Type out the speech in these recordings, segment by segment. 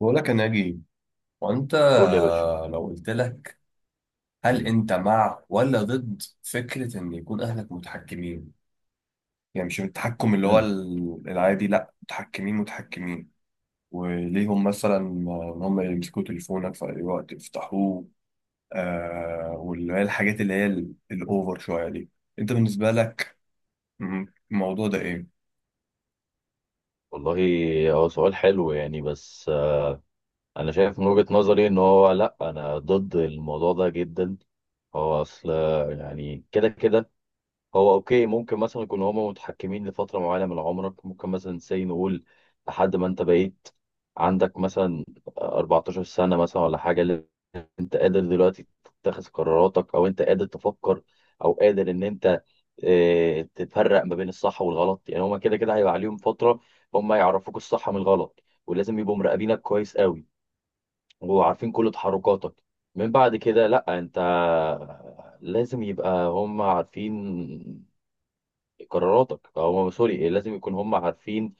بقول لك يا ناجي وانت، قول يا باشا. لو قلت لك، هل مم. انت مع ولا ضد فكرة ان يكون اهلك متحكمين؟ يعني مش التحكم اللي هو مم. العادي، لا، متحكمين متحكمين، وليهم مثلا ان هم يمسكوا تليفونك في اي وقت يفتحوه، واللي هي الحاجات اللي هي الاوفر شوية دي. انت بالنسبة لك م- الموضوع ده ايه؟ والله، هو سؤال حلو يعني بس، انا شايف من وجهة نظري ان هو، لا، انا ضد الموضوع ده جدا. هو اصل، يعني كده كده، هو اوكي، ممكن مثلا يكونوا هما متحكمين لفترة معينة من عمرك، ممكن مثلا سي نقول لحد ما انت بقيت عندك مثلا 14 سنة مثلا ولا حاجة. انت قادر دلوقتي تتخذ قراراتك، او انت قادر تفكر، او قادر ان انت اه، تفرق ما بين الصح والغلط. يعني هما كده كده هيبقى عليهم فترة، هما يعرفوك الصح من الغلط، ولازم يبقوا مراقبينك كويس قوي، وعارفين كل تحركاتك. من بعد كده، لا، انت لازم يبقى هما عارفين قراراتك، او هما، سوري، لازم يكون هما عارفين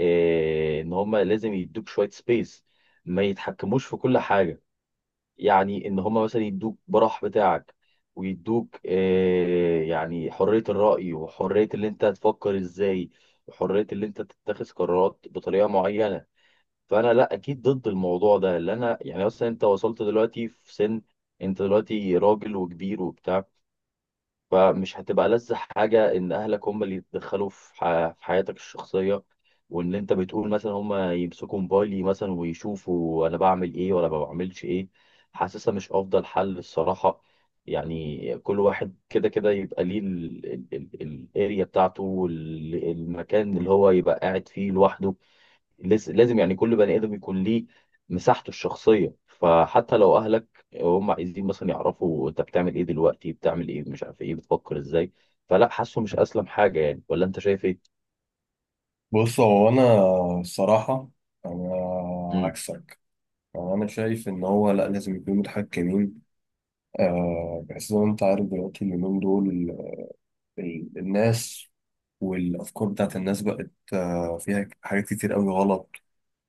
اه، ان هما لازم يدوك شوية سبيس، ما يتحكموش في كل حاجة. يعني ان هم مثلا يدوك براح بتاعك، ويدوك يعني حرية الرأي، وحرية اللي انت تفكر ازاي، وحرية اللي انت تتخذ قرارات بطريقة معينة. فانا، لا، اكيد ضد الموضوع ده، اللي انا يعني مثلا انت وصلت دلوقتي في سن، انت دلوقتي راجل وكبير وبتاع. فمش هتبقى لذة حاجة إن أهلك هم اللي يتدخلوا في في حياتك الشخصية. وإن أنت بتقول مثلا هم يمسكوا موبايلي مثلا ويشوفوا أنا بعمل إيه ولا ما بعملش إيه. حاسسها مش أفضل حل الصراحة. يعني كل واحد كده كده يبقى ليه الاريا بتاعته، والمكان اللي هو يبقى قاعد فيه لوحده. لازم يعني كل بني ادم يكون ليه مساحته الشخصيه. فحتى لو اهلك هم عايزين مثلا يعرفوا انت بتعمل ايه دلوقتي، بتعمل ايه، مش عارف ايه، بتفكر ازاي. فلا، حاسه مش اسلم حاجه يعني. ولا انت شايف ايه؟ بص، هو انا الصراحة انا امم. عكسك. انا شايف ان هو لا، لازم يكونوا متحكمين، بحيث زي ما انت عارف دلوقتي اليومين دول، الناس والافكار بتاعت الناس بقت فيها حاجات كتير قوي غلط،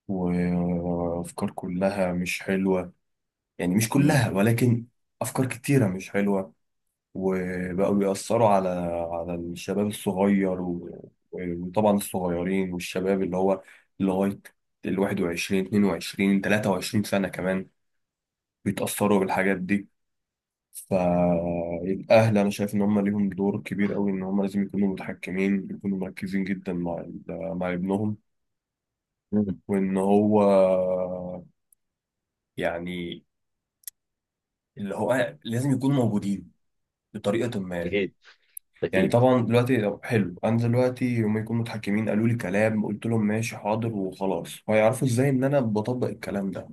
وافكار كلها مش حلوة، يعني مش امم. كلها، ولكن افكار كتيرة مش حلوة، وبقوا بيأثروا على الشباب الصغير، وطبعا الصغيرين والشباب اللي هو لغاية ال 21 22 23 سنة كمان، بيتأثروا بالحاجات دي. فالأهل أنا شايف إن هم ليهم دور كبير أوي، إن هم لازم يكونوا متحكمين، يكونوا مركزين جدا مع مع ابنهم، امم. وإن هو يعني اللي هو لازم يكونوا موجودين بطريقة ما. اكيد، يعني اكيد. طبعا دلوقتي، طب حلو، أنا دلوقتي هم يكونوا متحكمين، قالوا لي كلام، قلت لهم ماشي حاضر وخلاص، هيعرفوا إزاي إن أنا بطبق الكلام ده؟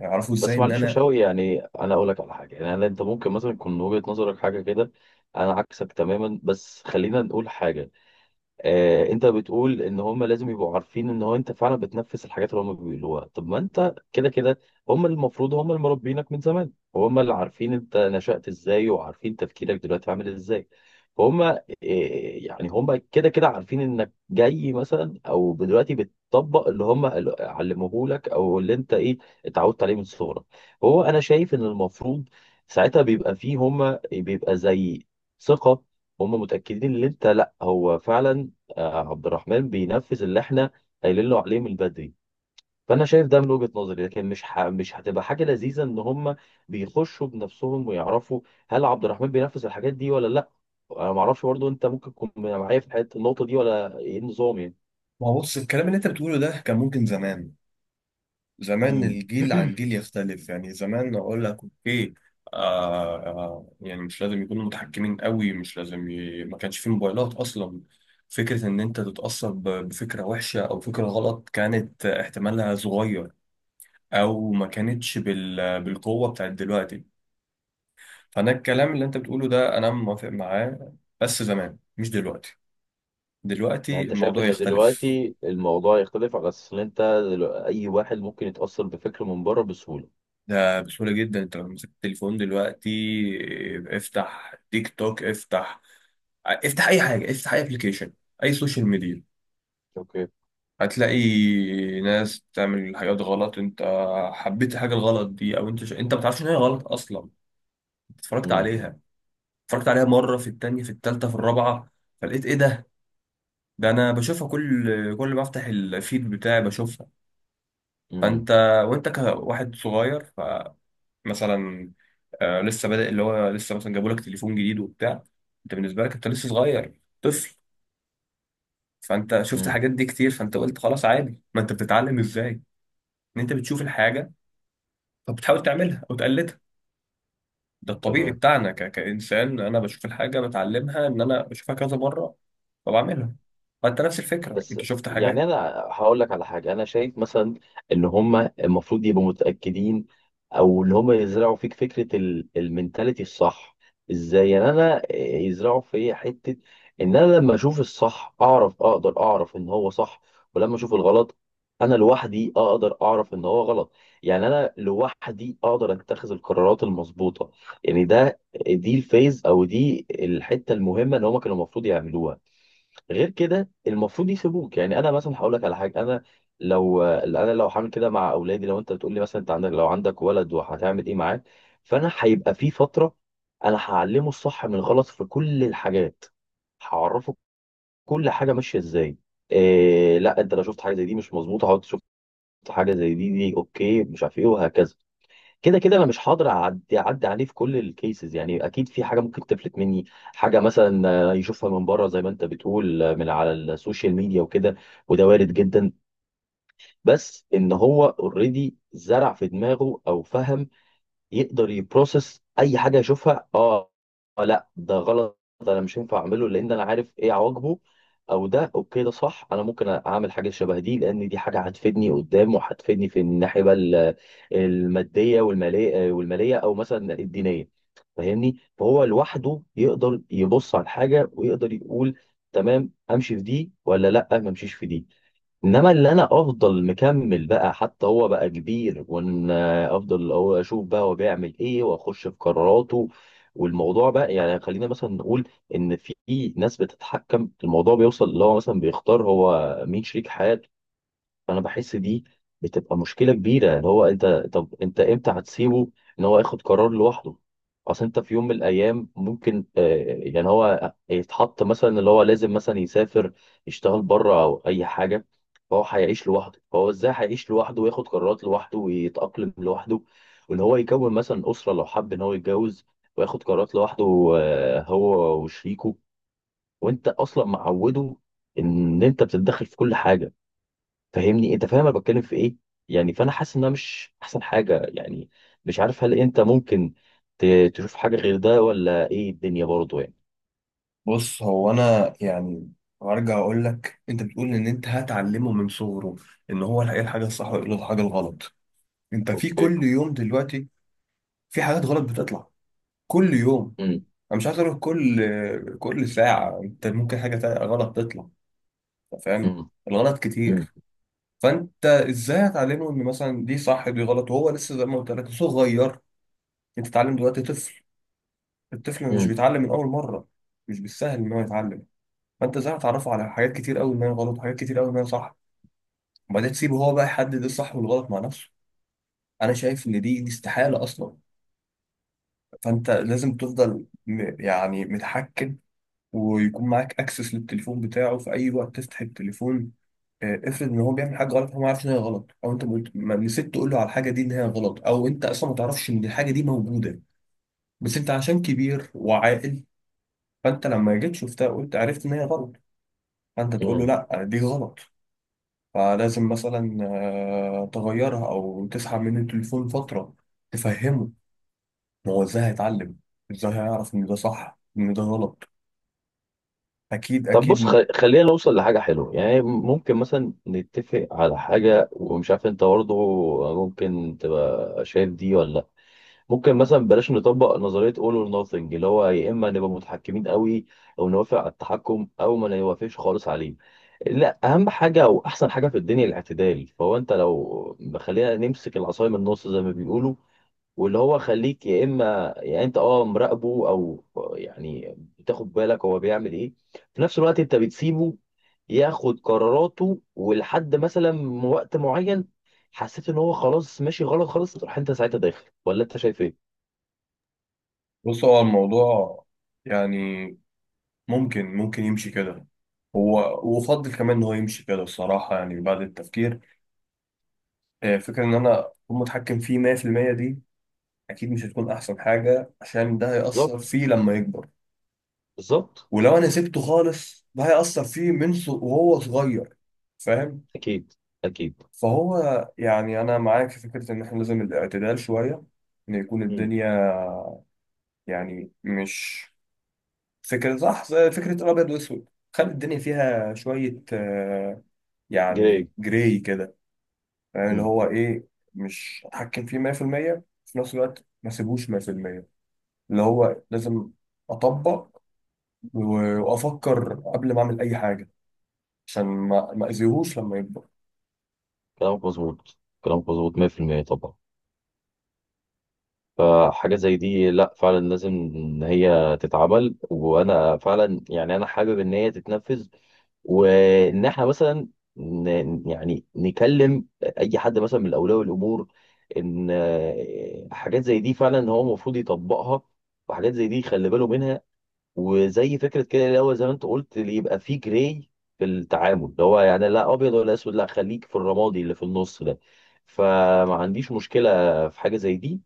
هيعرفوا إزاي بس إن معلش يا أنا؟ شوقي، يعني انا اقول لك على حاجه، يعني انت ممكن مثلا يكون وجهه نظرك حاجه كده. انا عكسك تماما، بس خلينا نقول حاجه. انت بتقول ان هم لازم يبقوا عارفين ان هو انت فعلا بتنفذ الحاجات اللي هم بيقولوها. طب ما انت كده كده، هم المفروض، هم اللي مربينك من زمان، هم اللي عارفين انت نشأت ازاي، وعارفين تفكيرك دلوقتي عامل ازاي. فهم يعني هم كده كده عارفين انك جاي مثلا، او دلوقتي بتطبق اللي هم علموه لك، او اللي انت ايه اتعودت عليه من صغرك. هو انا شايف ان المفروض ساعتها بيبقى فيه، هم بيبقى زي ثقة، هم متأكدين ان انت، لا، هو فعلا عبد الرحمن بينفذ اللي احنا قايلين له عليه من بدري. فانا شايف ده من وجهة نظري، لكن مش هتبقى حاجة لذيذة ان هم بيخشوا بنفسهم ويعرفوا هل عبد الرحمن بينفذ الحاجات دي ولا لا. انا ما اعرفش برضه، انت ممكن تكون معايا في حته النقطة دي، ولا ايه النظام يعني؟ ما هو بص، الكلام اللي أنت بتقوله ده كان ممكن زمان. زمان امم. الجيل عن جيل يختلف، يعني زمان اقول لك اوكي، يعني مش لازم يكونوا متحكمين قوي، مش لازم ما كانش في موبايلات اصلا. فكرة ان انت تتأثر بفكرة وحشة او فكرة غلط كانت احتمالها صغير، او ما كانتش بالقوة بتاعت دلوقتي. فانا الكلام اللي انت بتقوله ده انا موافق معاه، بس زمان مش دلوقتي. يعني دلوقتي انت شايف الموضوع ان يختلف. دلوقتي الموضوع يختلف على اساس ان انت، اي واحد ممكن يتأثر بفكر من بره بسهولة. ده بسهولة جدا، انت لو مسكت التليفون دلوقتي، اه، افتح تيك توك، افتح، افتح اي حاجة، افتح اي ابلكيشن، اي سوشيال ميديا، اوكي. هتلاقي ناس بتعمل حاجات غلط. انت حبيت الحاجة الغلط دي، او انت ما بتعرفش ان هي غلط اصلا، اتفرجت امم. عليها، مرة، في التانية، في التالتة، في الرابعة، فلقيت ايه ده؟ ده انا بشوفها كل ما افتح الفيد بتاعي بشوفها. فانت امم. وانت كواحد صغير، مثلا لسه بادئ، اللي هو لسه مثلا جابوا لك تليفون جديد وبتاع، انت بالنسبه لك انت لسه صغير طفل، فانت شفت امم. حاجات دي كتير، فانت قلت خلاص عادي، ما انت بتتعلم ازاي ان انت بتشوف الحاجه فبتحاول تعملها او تقلدها. ده الطبيعي تمام. بتاعنا كانسان، انا بشوف الحاجه بتعلمها، ان انا بشوفها كذا مره فبعملها. فانت نفس الفكره، بس انت شفت يعني حاجات. انا هقول لك على حاجه، انا شايف مثلا ان هم المفروض يبقوا متاكدين، او اللي هم يزرعوا فيك فكره المنتاليتي الصح. ازاي يعني انا يزرعوا في حته ان انا لما اشوف الصح اقدر اعرف ان هو صح، ولما اشوف الغلط انا لوحدي اقدر اعرف ان هو غلط. يعني انا لوحدي اقدر اتخذ القرارات المظبوطه. يعني دي الفيز، او دي الحته المهمه اللي هم كانوا المفروض يعملوها. غير كده المفروض يسيبوك. يعني انا مثلا هقول لك على حاجه، انا لو هعمل كده مع اولادي، لو انت بتقول لي مثلا انت عندك، لو عندك ولد وهتعمل ايه معاه. فانا هيبقى في فتره انا هعلمه الصح من الغلط في كل الحاجات، هعرفه كل حاجه ماشيه ازاي. إيه، لا، انت لو شفت حاجه زي دي مش مظبوطه هقعد، شفت حاجه زي دي، دي اوكي، مش عارف ايه، وهكذا. كده كده انا مش هقدر اعدي عليه في كل الكيسز، يعني اكيد في حاجه ممكن تفلت مني. حاجه مثلا يشوفها من بره زي ما انت بتقول، من على السوشيال ميديا وكده. وده وارد جدا. بس ان هو اوريدي زرع في دماغه، او فهم، يقدر يبروسس اي حاجه يشوفها. اه لا، ده غلط، ده انا مش هينفع اعمله لان انا عارف ايه عواقبه. او ده اوكي، ده صح، انا ممكن اعمل حاجه شبه دي لان دي حاجه هتفيدني قدام وهتفيدني في الناحيه بقى الماديه والماليه او مثلا الدينيه. فاهمني؟ فهو لوحده يقدر يبص على الحاجه ويقدر يقول تمام امشي في دي، ولا لا ما امشيش في دي. انما اللي انا افضل مكمل بقى حتى هو بقى كبير، وان افضل هو اشوف بقى هو بيعمل ايه واخش في قراراته. والموضوع بقى يعني خلينا مثلا نقول ان في ناس بتتحكم، الموضوع بيوصل اللي هو مثلا بيختار هو مين شريك حياته. فانا بحس دي بتبقى مشكله كبيره، اللي هو انت، طب انت امتى هتسيبه ان هو ياخد قرار لوحده؟ اصل انت في يوم من الايام ممكن يعني هو يتحط مثلا اللي هو لازم مثلا يسافر، يشتغل بره او اي حاجه. فهو هيعيش لوحده، فهو ازاي هيعيش لوحده وياخد قرارات لوحده ويتاقلم لوحده؟ وان هو يكون مثلا اسره لو حب ان هو يتجوز وياخد قرارات لوحده، هو وشريكه، وانت اصلا معوده ان انت بتتدخل في كل حاجه. فاهمني؟ انت فاهم انا بتكلم في ايه؟ يعني فانا حاسس انها مش احسن حاجه يعني. مش عارف، هل انت ممكن تشوف حاجه غير ده، ولا ايه الدنيا برضه يعني؟ بص، هو انا يعني هرجع اقول لك، انت بتقول ان انت هتعلمه من صغره ان هو ايه الحاجه الصح وايه الحاجه الغلط. انت في اوكي. كل يوم دلوقتي في حاجات غلط بتطلع كل يوم. امم. انا مش عايز اروح كل ساعه، انت ممكن حاجه تانية غلط تطلع. أنت فاهم؟ امم. الغلط امم. كتير. فانت ازاي هتعلمه ان مثلا دي صح دي غلط، وهو لسه زي ما قلت لك صغير؟ انت تتعلم دلوقتي طفل، الطفل مش امم. بيتعلم من اول مره، مش بالسهل ان هو يتعلم. فانت ازاي هتعرفه على حاجات كتير قوي ما هي غلط، وحاجات كتير قوي ما هي صح، وبعدين تسيبه هو بقى يحدد إيه الصح والغلط مع نفسه؟ انا شايف ان دي استحاله اصلا. فانت لازم تفضل يعني متحكم، ويكون معاك اكسس للتليفون بتاعه، في اي وقت تفتح التليفون. افرض ان هو بيعمل حاجه غلط، هو ما عارفش ان هي غلط، او انت ما نسيت تقول له على الحاجه دي ان هي غلط، او انت اصلا ما تعرفش ان الحاجه دي موجوده، بس انت عشان كبير وعاقل، فانت لما جيت شفتها قلت، عرفت ان هي غلط، فانت تقول له امم. لا دي غلط. فلازم مثلا تغيرها او تسحب منه التليفون فتره، تفهمه. هو ازاي هيتعلم؟ ازاي هيعرف ان ده صح ان ده غلط؟ اكيد طب بص، اكيد. خلينا نوصل لحاجه حلوه، يعني ممكن مثلا نتفق على حاجه، ومش عارف انت برضه ممكن تبقى شايف دي ولا. ممكن مثلا بلاش نطبق نظرية all or nothing، اللي هو يا إما نبقى متحكمين قوي، أو نوافق على التحكم، أو ما نوافقش خالص عليه. لا، أهم حاجة وأحسن حاجة في الدنيا الاعتدال. فهو أنت لو خلينا نمسك العصاية من النص زي ما بيقولوا، واللي هو خليك، يا إما يعني أنت مراقبه، أو يعني بتاخد بالك هو بيعمل إيه، في نفس الوقت أنت بتسيبه ياخد قراراته، ولحد مثلا وقت معين حسيت إن هو خلاص ماشي غلط خالص، تروح أنت ساعتها داخل، ولا أنت شايف إيه؟ بص، هو الموضوع يعني ممكن، يمشي كده، هو وافضل كمان ان هو يمشي كده الصراحه، يعني بعد التفكير. فكره ان انا اكون متحكم فيه 100% دي، اكيد مش هتكون احسن حاجه، عشان ده هيأثر بالظبط، فيه لما يكبر، بالظبط. ولو انا سبته خالص ده هيأثر فيه من وهو صغير، فاهم؟ اكيد، اكيد. فهو، يعني أنا معاك في فكرة إن إحنا لازم الاعتدال شوية، إن يكون امم. الدنيا يعني مش فكرة صح زي فكرة الأبيض وأسود، خلي الدنيا فيها شوية جاي. يعني جراي كده، يعني اللي امم. هو إيه، مش أتحكم فيه 100% في المية، في نفس الوقت ما سيبوش 100%، اللي هو لازم أطبق وأفكر قبل ما أعمل أي حاجة، عشان ما أذيهوش لما يكبر. كلامك مظبوط، كلامك مظبوط 100%، طبعا. فحاجه زي دي، لا، فعلا لازم ان هي تتعمل، وانا فعلا يعني انا حابب ان هي تتنفذ. وان احنا مثلا يعني نكلم اي حد مثلا من اولياء الامور، ان حاجات زي دي فعلا هو المفروض يطبقها، وحاجات زي دي خلي باله منها. وزي فكره كده، اللي هو زي ما انت قلت، اللي يبقى فيه جراي في التعامل، اللي هو يعني لا ابيض ولا اسود، لا، خليك في الرمادي اللي في النص ده. فما عنديش مشكله في حاجه زي دي،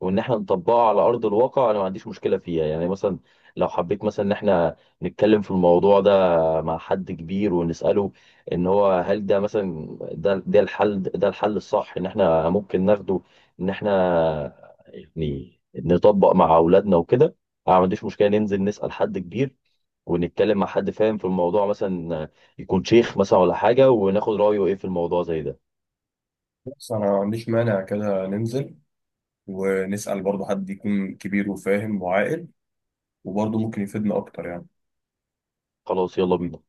وان احنا نطبقها على ارض الواقع، انا ما عنديش مشكله فيها، يعني مثلا لو حبيت مثلا ان احنا نتكلم في الموضوع ده مع حد كبير ونساله ان هو، هل ده مثلا، ده الحل، ده الحل الصح ان احنا ممكن ناخده، ان احنا يعني نطبق مع اولادنا وكده. انا ما عنديش مشكله ننزل نسال حد كبير، ونتكلم مع حد فاهم في الموضوع، مثلا يكون شيخ مثلا ولا حاجه، وناخد رايه ايه في الموضوع زي ده. بس أنا ما عنديش مانع كده ننزل ونسأل برضه حد يكون كبير وفاهم وعاقل، وبرضه ممكن يفيدنا أكتر يعني. خلاص، يلا بينا.